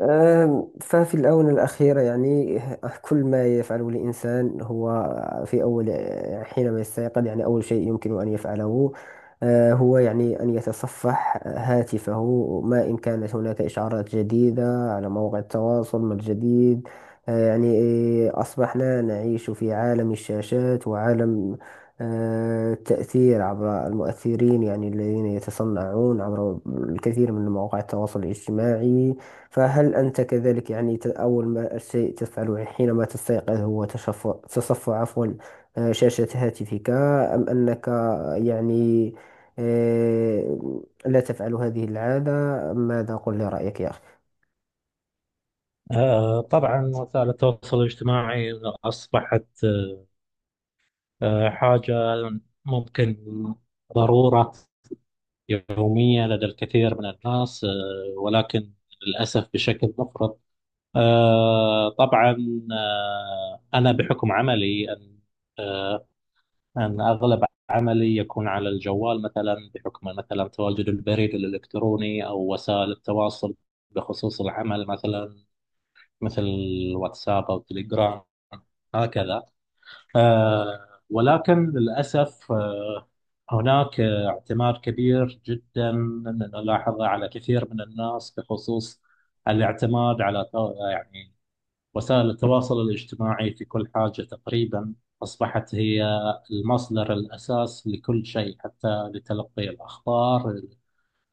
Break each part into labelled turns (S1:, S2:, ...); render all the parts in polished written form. S1: ففي الآونة الأخيرة يعني كل ما يفعله الإنسان هو في أول حينما يستيقظ يعني أول شيء يمكن أن يفعله، هو يعني أن يتصفح هاتفه ما إن كانت هناك إشعارات جديدة على مواقع التواصل ما الجديد. يعني إيه، أصبحنا نعيش في عالم الشاشات وعالم التأثير عبر المؤثرين يعني الذين يتصنعون عبر الكثير من مواقع التواصل الاجتماعي. فهل أنت كذلك يعني أول ما شيء تفعله حينما تستيقظ هو تشفع تصفع عفوا شاشة هاتفك، أم أنك يعني آه، لا تفعل هذه العادة؟ ماذا؟ قل لي رأيك يا
S2: طبعا وسائل التواصل الاجتماعي أصبحت حاجة ممكن ضرورة يومية لدى الكثير من الناس، ولكن للأسف بشكل مفرط. آه، طبعا آه، أنا بحكم عملي أن آه، أن أغلب عملي يكون على الجوال مثلا، بحكم مثلا تواجد البريد الإلكتروني أو وسائل التواصل بخصوص العمل، مثلا مثل الواتساب أو تليجرام هكذا. ولكن للأسف هناك اعتماد كبير جدا نلاحظه على كثير من الناس، بخصوص الاعتماد على يعني وسائل التواصل الاجتماعي في كل حاجة تقريبا. أصبحت هي المصدر الأساس لكل شيء، حتى لتلقي الأخبار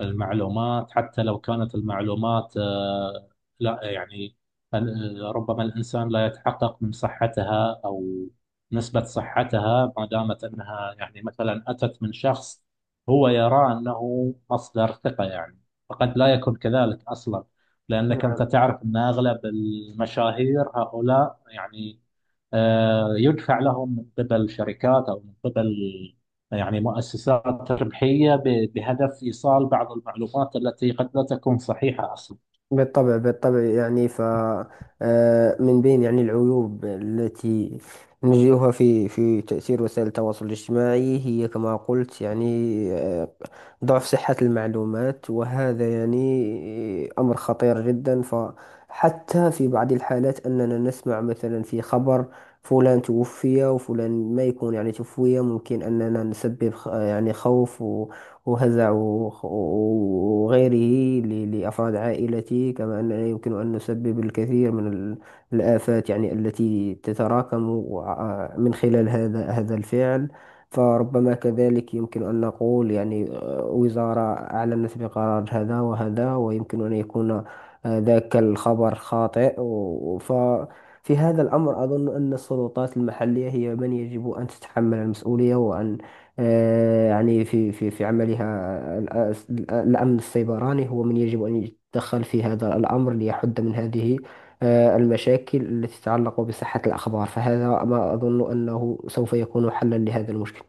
S2: المعلومات، حتى لو كانت المعلومات لا يعني ربما الإنسان لا يتحقق من صحتها أو نسبة صحتها، ما دامت أنها يعني مثلا أتت من شخص هو يرى أنه مصدر ثقة يعني، فقد لا يكون كذلك أصلا. لأنك
S1: أخي.
S2: أنت تعرف أن أغلب المشاهير هؤلاء يعني يدفع لهم من قبل شركات أو من قبل يعني مؤسسات ربحية، بهدف إيصال بعض المعلومات التي قد لا تكون صحيحة أصلا.
S1: بالطبع بالطبع يعني ف من بين يعني العيوب التي نجدها في تأثير وسائل التواصل الاجتماعي هي كما قلت يعني، آه، ضعف صحة المعلومات، وهذا يعني أمر خطير جدا، فحتى في بعض الحالات أننا نسمع مثلا في خبر فلان توفي وفلان ما يكون يعني توفي، ممكن أننا نسبب يعني خوف وهزع وغيره لأفراد عائلتي، كما أننا يمكن أن نسبب الكثير من الآفات يعني التي تتراكم من خلال هذا الفعل. فربما كذلك يمكن أن نقول يعني وزارة أعلنت بقرار هذا وهذا، ويمكن أن يكون ذاك الخبر خاطئ ف في هذا الأمر أظن أن السلطات المحلية هي من يجب أن تتحمل المسؤولية، وأن يعني في في عملها، الأمن السيبراني هو من يجب أن يتدخل في هذا الأمر ليحد من هذه المشاكل التي تتعلق بصحة الأخبار. فهذا ما أظن أنه سوف يكون حلا لهذا المشكل.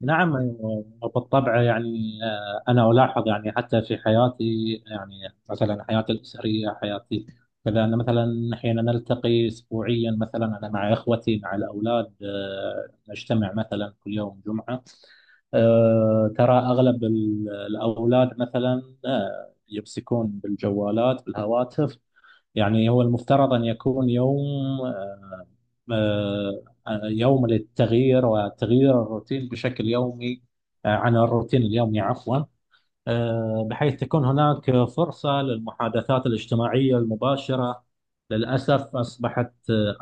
S2: نعم، أيوة. بالطبع يعني، أنا ألاحظ يعني حتى في حياتي، يعني مثلا حياتي الأسرية، حياتي كذا. أنا مثلا حين نلتقي أسبوعيا، مثلا أنا مع إخوتي مع الأولاد، نجتمع مثلا كل يوم جمعة. ترى أغلب الأولاد مثلا يمسكون بالجوالات بالهواتف. يعني هو المفترض أن يكون يوم يوم للتغيير وتغيير الروتين بشكل يومي، عن الروتين اليومي، عفوا، بحيث تكون هناك فرصة للمحادثات الاجتماعية المباشرة. للأسف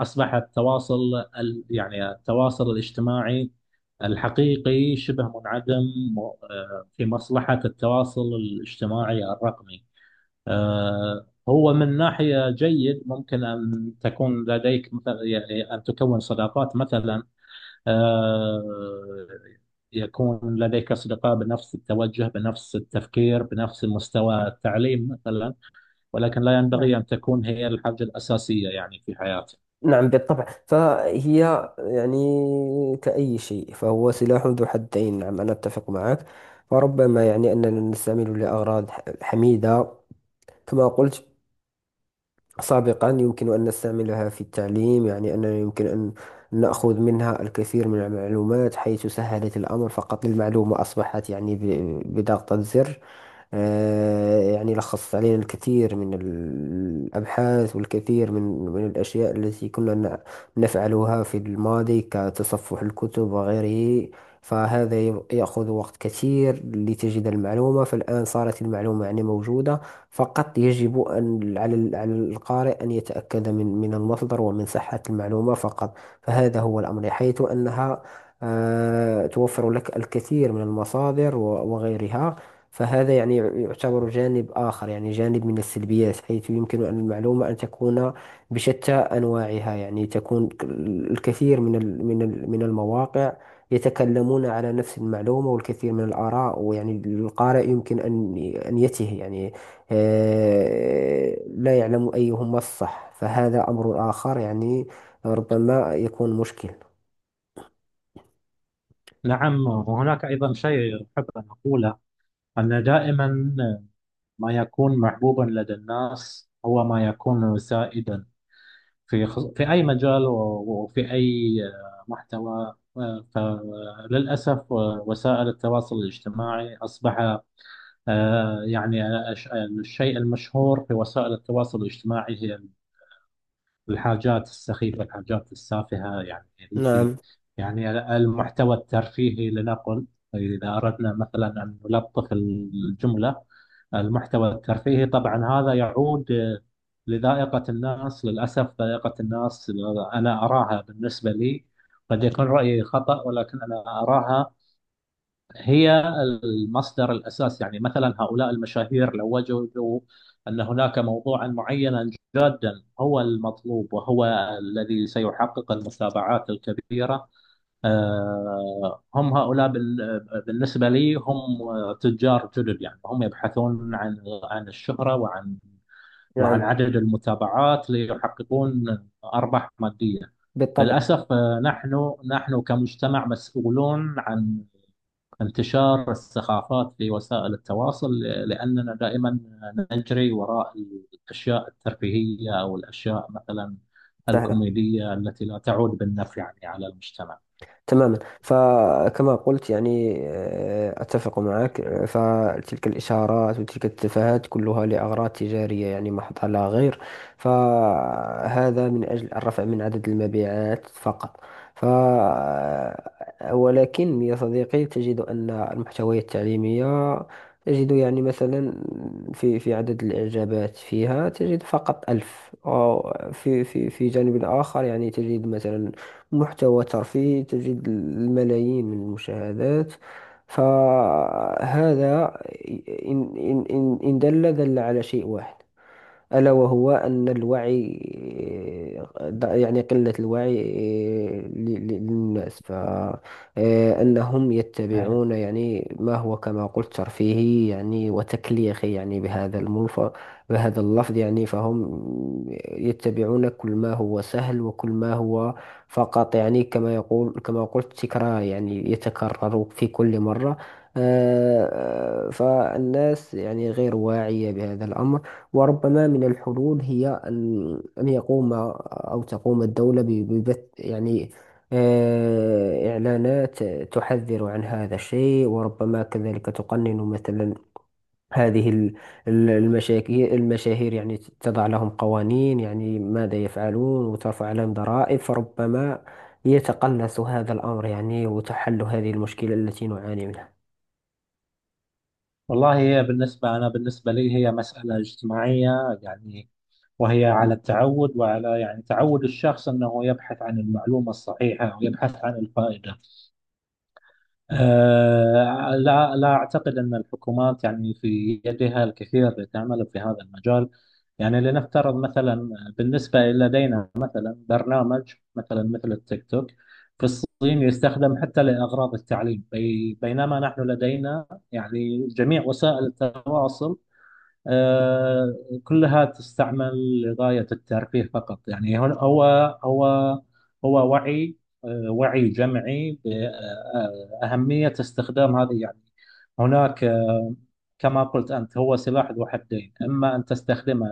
S2: أصبح التواصل يعني التواصل الاجتماعي الحقيقي شبه منعدم في مصلحة التواصل الاجتماعي الرقمي. هو من ناحية جيد، ممكن أن تكون لديك مثلا يعني أن تكون صداقات مثلا، آه، يكون لديك أصدقاء بنفس التوجه، بنفس التفكير، بنفس مستوى التعليم مثلا، ولكن لا ينبغي أن تكون هي الحاجة الأساسية يعني في حياتك.
S1: نعم بالطبع فهي يعني كأي شيء، فهو سلاح ذو حدين. نعم أنا أتفق معك. فربما يعني أننا نستعمله لأغراض حميدة، كما قلت سابقا. يمكن أن نستعملها في التعليم، يعني أننا يمكن أن نأخذ منها الكثير من المعلومات حيث سهلت الأمر، فقط المعلومة أصبحت يعني بضغطة زر. يعني لخصت علينا الكثير من الأبحاث والكثير من من الأشياء التي كنا نفعلها في الماضي كتصفح الكتب وغيره. فهذا يأخذ وقت كثير لتجد المعلومة، فالآن صارت المعلومة يعني موجودة. فقط يجب أن على على القارئ أن يتأكد من من المصدر ومن صحة المعلومة فقط. فهذا هو الأمر، حيث أنها توفر لك الكثير من المصادر وغيرها. فهذا يعني يعتبر جانب آخر، يعني جانب من السلبيات، حيث يمكن أن المعلومة أن تكون بشتى أنواعها، يعني تكون الكثير من من من المواقع يتكلمون على نفس المعلومة والكثير من الآراء، ويعني القارئ يمكن أن أن يتيه يعني، لا يعلم أيهما الصح. فهذا أمر آخر يعني، ربما يكون مشكل.
S2: نعم، وهناك أيضا شيء أحب أن أقوله، أن دائما ما يكون محبوبا لدى الناس هو ما يكون سائدا في في أي مجال وفي أي محتوى. فللأسف وسائل التواصل الاجتماعي أصبح آه، يعني آه، الشيء المشهور في وسائل التواصل الاجتماعي هي الحاجات السخيفة، الحاجات السافهة، يعني التي
S1: نعم.
S2: يعني المحتوى الترفيهي، لنقل إذا أردنا مثلا أن نلطف الجملة، المحتوى الترفيهي. طبعا هذا يعود لذائقة الناس. للأسف ذائقة الناس، أنا أراها بالنسبة لي، قد يكون رأيي خطأ، ولكن أنا أراها هي المصدر الأساس. يعني مثلا هؤلاء المشاهير لو وجدوا أن هناك موضوعا معينا جادا هو المطلوب، وهو الذي سيحقق المتابعات الكبيرة، هم هؤلاء بالنسبة لي هم تجار جدد يعني، هم يبحثون عن عن الشهرة، وعن
S1: نعم.
S2: وعن عدد المتابعات، ليحققون أرباح مادية.
S1: بالطبع.
S2: للأسف نحن كمجتمع مسؤولون عن انتشار الثقافات في وسائل التواصل، لأننا دائما نجري وراء الأشياء الترفيهية، أو الأشياء مثلا
S1: سهلة
S2: الكوميدية، التي لا تعود بالنفع يعني على المجتمع.
S1: تماما. فكما قلت يعني أتفق معك. فتلك الإشارات وتلك التفاهات كلها لأغراض تجارية يعني محضة لا غير. فهذا من أجل الرفع من عدد المبيعات فقط. ف ولكن يا صديقي تجد أن المحتويات التعليمية تجد يعني مثلا في في عدد الإعجابات فيها تجد فقط ألف، أو في في جانب آخر يعني تجد مثلا محتوى ترفيهي تجد الملايين من المشاهدات. فهذا إن دل على شيء واحد، ألا وهو أن الوعي يعني قلة الوعي ل- للناس، فأنهم
S2: آه.
S1: يتبعون يعني ما هو كما قلت ترفيهي يعني وتكليخي يعني بهذا الملف بهذا اللفظ يعني. فهم يتبعون كل ما هو سهل وكل ما هو فقط يعني، كما يقول كما قلت تكرار يعني يتكرر في كل مرة. فالناس يعني غير واعية بهذا الأمر. وربما من الحلول هي أن أن يقوم أو تقوم الدولة ببث يعني إعلانات تحذر عن هذا الشيء، وربما كذلك تقنن مثلا هذه المشاهير يعني، تضع لهم قوانين يعني ماذا يفعلون، وترفع عليهم ضرائب، فربما يتقلص هذا الأمر يعني وتحل هذه المشكلة التي نعاني منها.
S2: والله هي بالنسبة، أنا بالنسبة لي هي مسألة اجتماعية يعني، وهي على التعود، وعلى يعني تعود الشخص أنه يبحث عن المعلومة الصحيحة ويبحث عن الفائدة. لا، لا أعتقد أن الحكومات يعني في يدها الكثير لتعمل في هذا المجال. يعني لنفترض مثلا بالنسبة لدينا مثلا برنامج مثلا مثل التيك توك في الصين، يستخدم حتى لأغراض التعليم، بينما نحن لدينا يعني جميع وسائل التواصل آه، كلها تستعمل لغاية الترفيه فقط. يعني هو هو وعي، وعي جمعي بأهمية استخدام هذه يعني. هناك كما قلت أنت، هو سلاح ذو حدين، إما أن تستخدمه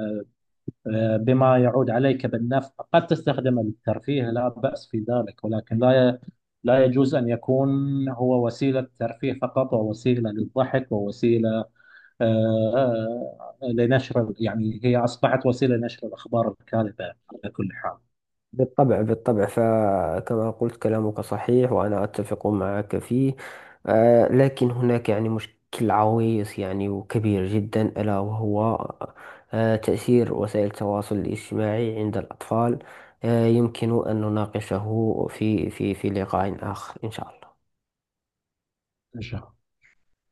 S2: بما يعود عليك بالنفع، قد تستخدمه للترفيه لا بأس في ذلك، ولكن لا يجوز أن يكون هو وسيلة ترفيه فقط، ووسيلة للضحك، ووسيلة آه، لنشر، يعني هي أصبحت وسيلة لنشر الأخبار الكاذبة على كل حال.
S1: بالطبع بالطبع، فكما قلت كلامك صحيح وأنا أتفق معك فيه. لكن هناك يعني مشكل عويص يعني وكبير جدا، ألا وهو تأثير وسائل التواصل الاجتماعي عند الأطفال. يمكن أن نناقشه في في لقاء آخر إن شاء الله.
S2: إن شاء الله.